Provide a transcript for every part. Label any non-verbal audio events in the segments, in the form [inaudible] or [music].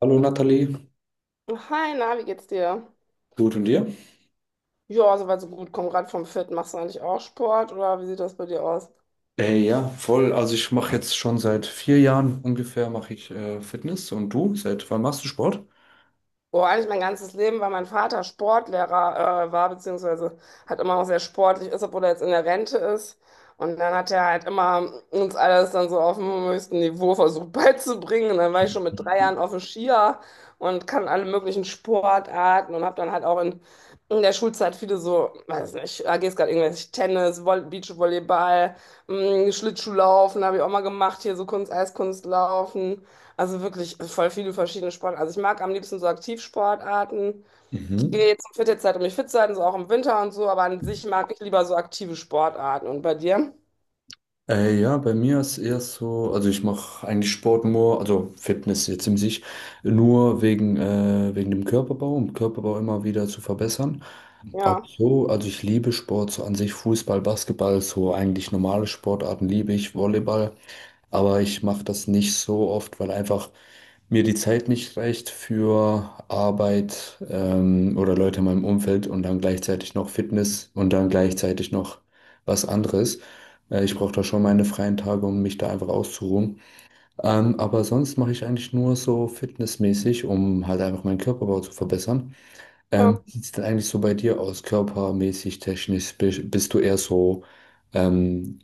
Hallo Nathalie, Hi, na, wie geht's dir? gut und dir? Ja, soweit so gut. Komm gerade vom Fit. Machst du eigentlich auch Sport oder wie sieht das bei dir aus? Ja, voll. Also ich mache jetzt schon seit 4 Jahren ungefähr mache ich Fitness und du? Seit wann machst du Sport? Oh, eigentlich mein ganzes Leben, weil mein Vater Sportlehrer war, beziehungsweise halt immer auch sehr sportlich ist, obwohl er jetzt in der Rente ist. Und dann hat er halt immer uns alles dann so auf dem höchsten Niveau versucht [laughs] beizubringen. Und dann war ich schon mit 3 Jahren auf dem Skier und kann alle möglichen Sportarten und habe dann halt auch in der Schulzeit viele so, weiß nicht, AG-Skat, irgendwelche Tennis, Voll Beachvolleyball, Schlittschuhlaufen habe ich auch mal gemacht, hier so Kunst, Eiskunstlaufen. Also wirklich voll viele verschiedene Sportarten. Also ich mag am liebsten so Aktivsportarten. Ich Mhm. gehe jetzt zur Fitnesszeit, um mich fit zu halten, so auch im Winter und so, aber an sich mag ich lieber so aktive Sportarten. Und bei dir? Ja, bei mir ist eher so, also ich mache eigentlich Sport nur, also Fitness jetzt im sich, nur wegen, wegen dem Körperbau, um Körperbau immer wieder zu verbessern. Auch Ja, so, also ich liebe Sport so an sich, Fußball, Basketball, so eigentlich normale Sportarten liebe ich, Volleyball. Aber ich mache das nicht so oft, weil einfach mir die Zeit nicht reicht für Arbeit oder Leute in meinem Umfeld und dann gleichzeitig noch Fitness und dann gleichzeitig noch was anderes. Ich brauche da schon meine freien Tage, um mich da einfach auszuruhen. Aber sonst mache ich eigentlich nur so fitnessmäßig, um halt einfach meinen Körperbau zu verbessern. ja. Wie sieht es denn eigentlich so bei dir aus, körpermäßig, technisch? Bist du eher so ähm,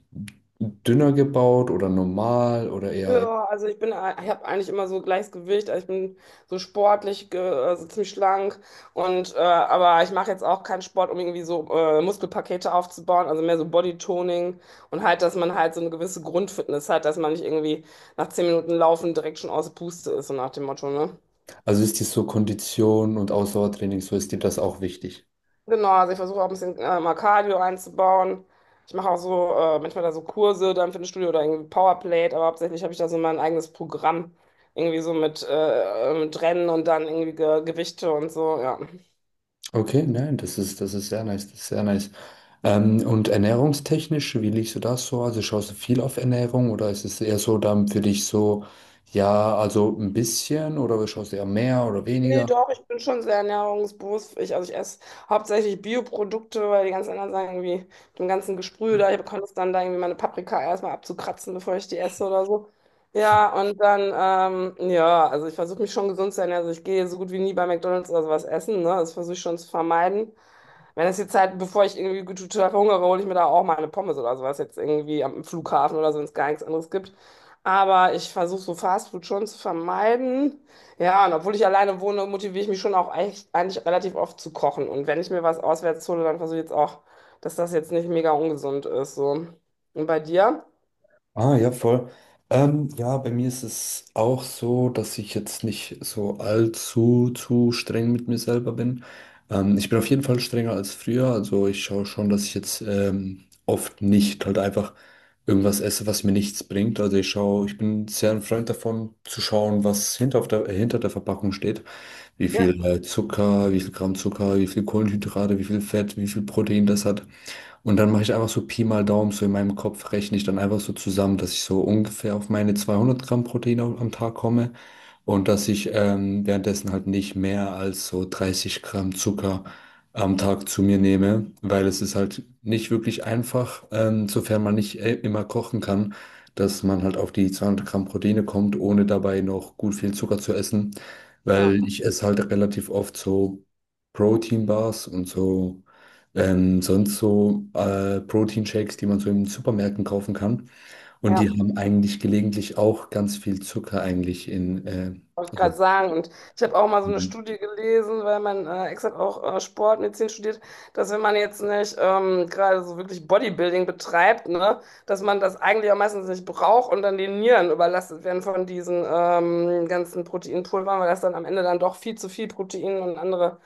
dünner gebaut oder normal oder eher, Ja, also ich bin, ich habe eigentlich immer so gleiches Gewicht, also ich bin so sportlich, ge- also ziemlich schlank und aber ich mache jetzt auch keinen Sport, um irgendwie so Muskelpakete aufzubauen, also mehr so Bodytoning und halt, dass man halt so eine gewisse Grundfitness hat, dass man nicht irgendwie nach 10 Minuten Laufen direkt schon aus der Puste ist, so nach dem Motto, ne? also ist dir so Kondition und Ausdauertraining, so ist dir das auch wichtig? Genau, also ich versuche auch ein bisschen mal Cardio einzubauen. Ich mache auch so manchmal da so Kurse dann für ein Studio oder irgendwie Powerplate, aber hauptsächlich habe ich da so mein eigenes Programm. Irgendwie so mit Rennen und dann irgendwie Ge Gewichte und so, ja. Okay, nein, das ist sehr nice, das ist sehr nice. Und ernährungstechnisch, wie liegst du das so? Also schaust du viel auf Ernährung oder ist es eher so dann für dich so, ja, also ein bisschen oder schaust du eher mehr oder Nee, weniger? doch, ich bin schon sehr ernährungsbewusst. Ich, also ich esse hauptsächlich Bioprodukte, weil die ganzen anderen sagen irgendwie, dem ganzen Gesprühe da, ich bekomme es dann da irgendwie meine Paprika erstmal abzukratzen, bevor ich die esse oder so. Ja, und dann, ja, also ich versuche mich schon gesund zu ernähren. Also ich gehe so gut wie nie bei McDonald's oder sowas essen, ne? Das versuche ich schon zu vermeiden. Wenn es die Zeit, bevor ich irgendwie gut total verhungere, hole ich mir da auch mal eine Pommes oder sowas jetzt irgendwie am Flughafen oder so, wenn es gar nichts anderes gibt. Aber ich versuche so Fastfood schon zu vermeiden. Ja, und obwohl ich alleine wohne, motiviere ich mich schon auch echt, eigentlich relativ oft zu kochen. Und wenn ich mir was auswärts hole, dann versuche ich jetzt auch, dass das jetzt nicht mega ungesund ist. So. Und bei dir? Ah, ja, voll. Ja, bei mir ist es auch so, dass ich jetzt nicht so allzu zu streng mit mir selber bin. Ich bin auf jeden Fall strenger als früher. Also ich schaue schon, dass ich jetzt oft nicht halt einfach irgendwas esse, was mir nichts bringt. Also ich schaue, ich bin sehr ein Freund davon, zu schauen, was hinter, auf der, hinter der Verpackung steht. Wie Ja. viel Zucker, wie viel Gramm Zucker, wie viel Kohlenhydrate, wie viel Fett, wie viel Protein das hat. Und dann mache ich einfach so Pi mal Daumen, so in meinem Kopf rechne ich dann einfach so zusammen, dass ich so ungefähr auf meine 200 Gramm Protein am Tag komme und dass ich währenddessen halt nicht mehr als so 30 Gramm Zucker am Tag zu mir nehme, weil es ist halt nicht wirklich einfach, sofern man nicht immer kochen kann, dass man halt auf die 200 Gramm Proteine kommt, ohne dabei noch gut viel Zucker zu essen, weil Ja, ich esse halt relativ oft so Proteinbars und so. Sonst so Proteinshakes, die man so in Supermärkten kaufen kann. Und die ja. Mhm. haben eigentlich gelegentlich auch ganz viel Zucker eigentlich in. Wollte ich Also, gerade sagen. Und ich habe auch mal so eine Studie gelesen, weil mein Ex hat auch Sportmedizin studiert, dass wenn man jetzt nicht gerade so wirklich Bodybuilding betreibt, ne, dass man das eigentlich auch meistens nicht braucht und dann die Nieren überlastet werden von diesen ganzen Proteinpulvern, weil das dann am Ende dann doch viel zu viel Protein und andere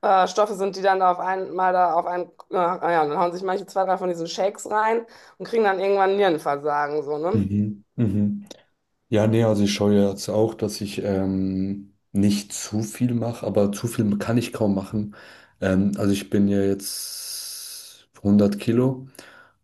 Stoffe sind, die dann da auf einmal da auf einen, ja, und dann hauen sich manche zwei, drei von diesen Shakes rein und kriegen dann irgendwann Nierenversagen, so, ne? mhm, mhm. Ja, nee, also ich schaue ja jetzt auch, dass ich nicht zu viel mache, aber zu viel kann ich kaum machen. Also ich bin ja jetzt 100 Kilo.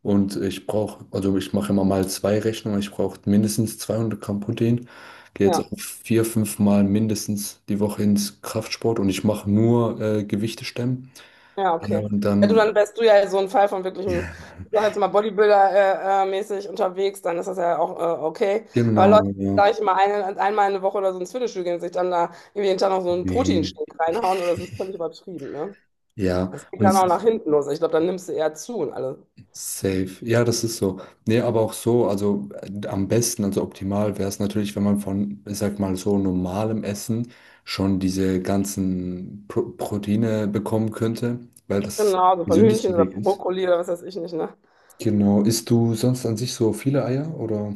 Und ich brauche, also ich mache immer mal zwei Rechnungen. Ich brauche mindestens 200 Gramm Protein. Gehe jetzt Ja. auch vier, fünf Mal mindestens die Woche ins Kraftsport und ich mache nur Gewichte stemmen. Ja, Ja, okay. und Ja, du, dann dann, wärst du ja so ein Fall von wirklichem, ja, ich sag jetzt mal Bodybuilder-mäßig unterwegs, dann ist das ja auch okay. Aber genau, Leute, die ja. gleich mal eine, einmal in der Woche oder so ins Fitnessstudio gehen, und sich dann da irgendwie jeden Tag noch so einen Nee. Proteinshake reinhauen, oder das ist völlig übertrieben, ne? Ja, Das geht und dann es auch nach hinten los. Ich glaube, dann nimmst du eher zu und alles. safe. Ja, das ist so. Nee, aber auch so, also am besten, also optimal wäre es natürlich, wenn man von, ich sag mal, so normalem Essen schon diese ganzen Proteine bekommen könnte, weil das Genau, der so von Hühnchen gesündeste oder Weg ist. Brokkoli oder was weiß ich nicht, ne? Genau. Isst du sonst an sich so viele Eier oder?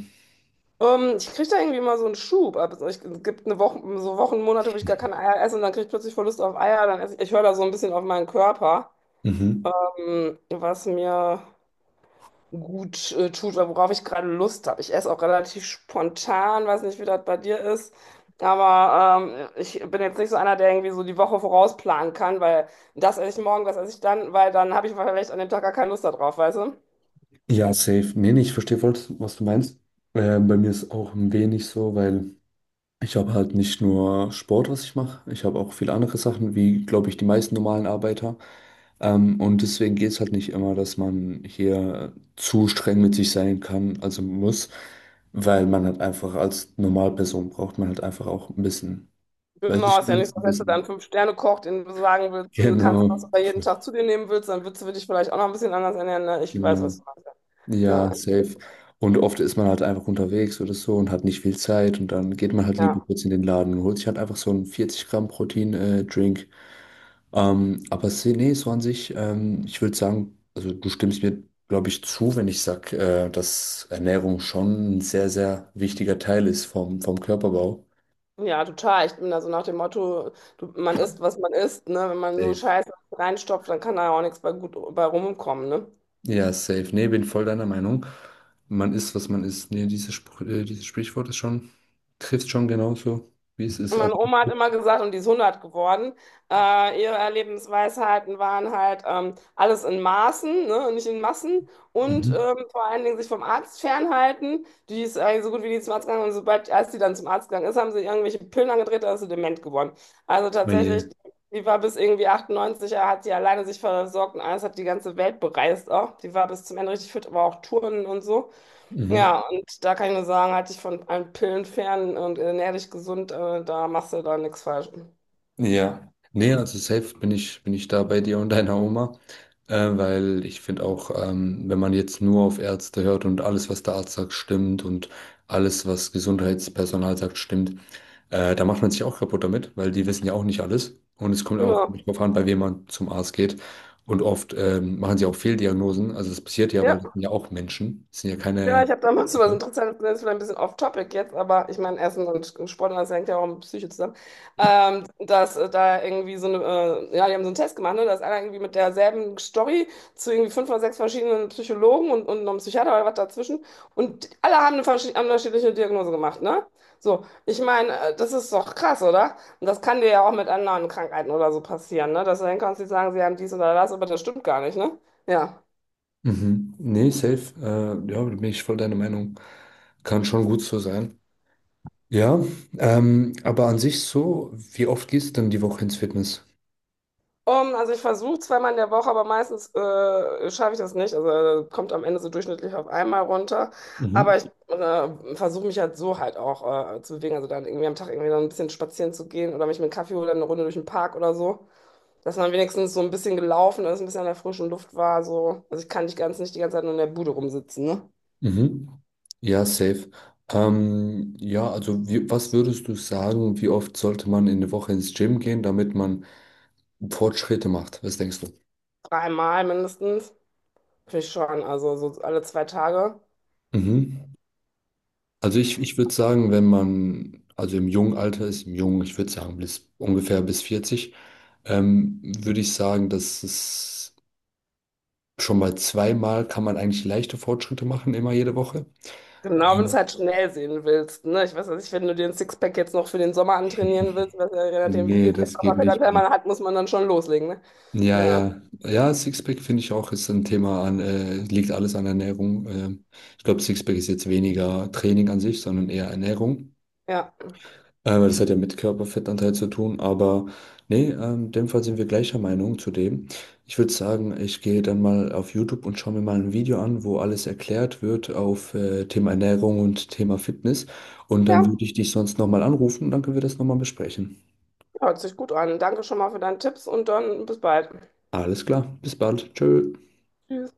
Ich kriege da irgendwie immer so einen Schub. Ab. Also ich, es gibt eine Woche, so Wochen, Monate, wo ich gar keine Eier esse und dann kriege ich plötzlich voll Lust auf Eier. Dann esse ich, ich höre da so ein bisschen auf meinen Körper. Mhm. Was mir gut tut oder worauf ich gerade Lust habe. Ich esse auch relativ spontan, weiß nicht, wie das bei dir ist. Aber ich bin jetzt nicht so einer, der irgendwie so die Woche vorausplanen kann, weil das esse ich morgen, das esse ich dann, weil dann habe ich vielleicht an dem Tag gar keine Lust darauf, weißt du? Ja, safe. Nee, nee, ich verstehe voll, was du meinst. Bei mir ist auch ein wenig so, weil. Ich habe halt nicht nur Sport, was ich mache, ich habe auch viele andere Sachen, wie, glaube ich, die meisten normalen Arbeiter. Und deswegen geht es halt nicht immer, dass man hier zu streng mit sich sein kann, also muss, weil man halt einfach als Normalperson braucht man halt einfach auch ein bisschen, weiß Genau, ich ist ja nicht nicht, so, ein dass du dann bisschen. fünf [laughs] Sterne kochst, den du sagen willst, du kannst, Genau, was du bei jeden Tag zu dir nehmen willst, dann würdest du dich vielleicht auch noch ein bisschen anders ernähren. Ne? Ich weiß, genau. was du meinst. Ja, Ja, safe. Und oft ist man halt einfach unterwegs oder so und hat nicht viel Zeit und dann geht man halt lieber ja. kurz in den Laden und holt sich halt einfach so einen 40 Gramm Protein, Drink. Aber nee, so an sich, ich würde sagen, also du stimmst mir, glaube ich, zu, wenn ich sage, dass Ernährung schon ein sehr, sehr wichtiger Teil ist vom Körperbau. Ja, total. Ich bin da so nach dem Motto, du, man isst, was man isst, ne? Wenn man nur Safe. Scheiße reinstopft, dann kann da ja auch nichts bei gut bei rumkommen, ne? Ja, safe. Nee, bin voll deiner Meinung. Man isst, was man isst. Nee, dieses, Spr dieses Sprichwort ist schon, trifft schon genauso, wie es Und ist. meine Also, Oma hat immer gesagt, und die ist 100 geworden, ihre Lebensweisheiten waren halt alles in Maßen, ne, und nicht in Massen und mhm. Vor allen Dingen sich vom Arzt fernhalten. Die ist eigentlich so gut wie nie zum Arzt gegangen und sobald, als die dann zum Arzt gegangen ist, haben sie irgendwelche Pillen angedreht, da ist sie dement geworden. Also Oh tatsächlich, je. die war bis irgendwie 98, er hat sie alleine sich versorgt und alles hat die ganze Welt bereist auch. Die war bis zum Ende richtig fit, aber auch Touren und so. Mhm. Ja, und da kann ich nur sagen, halt dich von allen Pillen fern und ernähr dich gesund, da machst du da nichts falsch. Ja, nee, also safe bin ich da bei dir und deiner Oma, weil ich finde auch, wenn man jetzt nur auf Ärzte hört und alles, was der Arzt sagt, stimmt und alles, was Gesundheitspersonal sagt, stimmt, da macht man sich auch kaputt damit, weil die wissen ja auch nicht alles und es kommt auch Genau. darauf an, bei wem man zum Arzt geht und oft machen sie auch Fehldiagnosen, also das passiert ja, weil das Ja. sind ja auch Menschen, das sind ja Ja, ich keine... habe damals [laughs] so was Okay. Interessantes gesehen, ist vielleicht ein bisschen off-topic jetzt, aber ich meine, Essen und Sport, das hängt ja auch mit Psyche zusammen, dass da irgendwie so eine, ja, die haben so einen Test gemacht, ne, dass einer irgendwie mit derselben Story zu irgendwie fünf oder sechs verschiedenen Psychologen und noch einem Psychiater oder was dazwischen und alle haben eine unterschiedliche Diagnose gemacht, ne? So, ich meine, das ist doch krass, oder? Und das kann dir ja auch mit anderen Krankheiten oder so passieren, ne? Dass du dann kannst, die sagen, sie haben dies oder das, aber das stimmt gar nicht, ne? Ja. Mhm. Nee, safe, ja, da bin ich voll deiner Meinung, kann schon gut so sein. Ja, aber an sich so, wie oft gehst du denn die Woche ins Fitness? Also ich versuche zweimal in der Woche, aber meistens schaffe ich das nicht. Also kommt am Ende so durchschnittlich auf einmal runter. Aber Mhm. ich versuche mich halt so halt auch zu bewegen. Also dann irgendwie am Tag irgendwie dann ein bisschen spazieren zu gehen oder mich mit einem Kaffee oder eine Runde durch den Park oder so. Dass man wenigstens so ein bisschen gelaufen ist, ein bisschen an der frischen Luft war. So. Also ich kann nicht ganz nicht die ganze Zeit nur in der Bude rumsitzen, ne? Mhm. Ja, safe. Ja, also wie, was würdest du sagen, wie oft sollte man in der Woche ins Gym gehen, damit man Fortschritte macht? Was denkst du? Dreimal mindestens. Finde ich schon. Also so alle zwei Tage. Mhm. Also ich würde sagen, wenn man, also im jungen Alter ist, im jungen, ich würde sagen, bis ungefähr bis 40, würde ich sagen, dass es schon mal zweimal kann man eigentlich leichte Fortschritte machen, immer jede Woche. Genau, wenn du es Ähm, halt schnell sehen willst. Ne? Ich weiß ja nicht, wenn du den Sixpack jetzt noch für den Sommer antrainieren willst, was ja, je nachdem, wie Nee, viel Fett- das geht nicht Körperfettanteil mehr. man hat, muss man dann schon loslegen. Ne? Ja, Ja, ja. Ja, Sixpack finde ich auch, ist ein Thema an, liegt alles an Ernährung. Ich glaube, Sixpack ist jetzt weniger Training an sich, sondern eher Ernährung. ja, Weil das hat ja mit Körperfettanteil zu tun. Aber nee, in dem Fall sind wir gleicher Meinung zu dem. Ich würde sagen, ich gehe dann mal auf YouTube und schaue mir mal ein Video an, wo alles erklärt wird auf Thema Ernährung und Thema Fitness. Und ja, dann würde ich dich sonst nochmal anrufen und dann können wir das nochmal besprechen. hört sich gut an. Danke schon mal für deine Tipps und dann bis bald. Alles klar, bis bald. Tschö. Tschüss.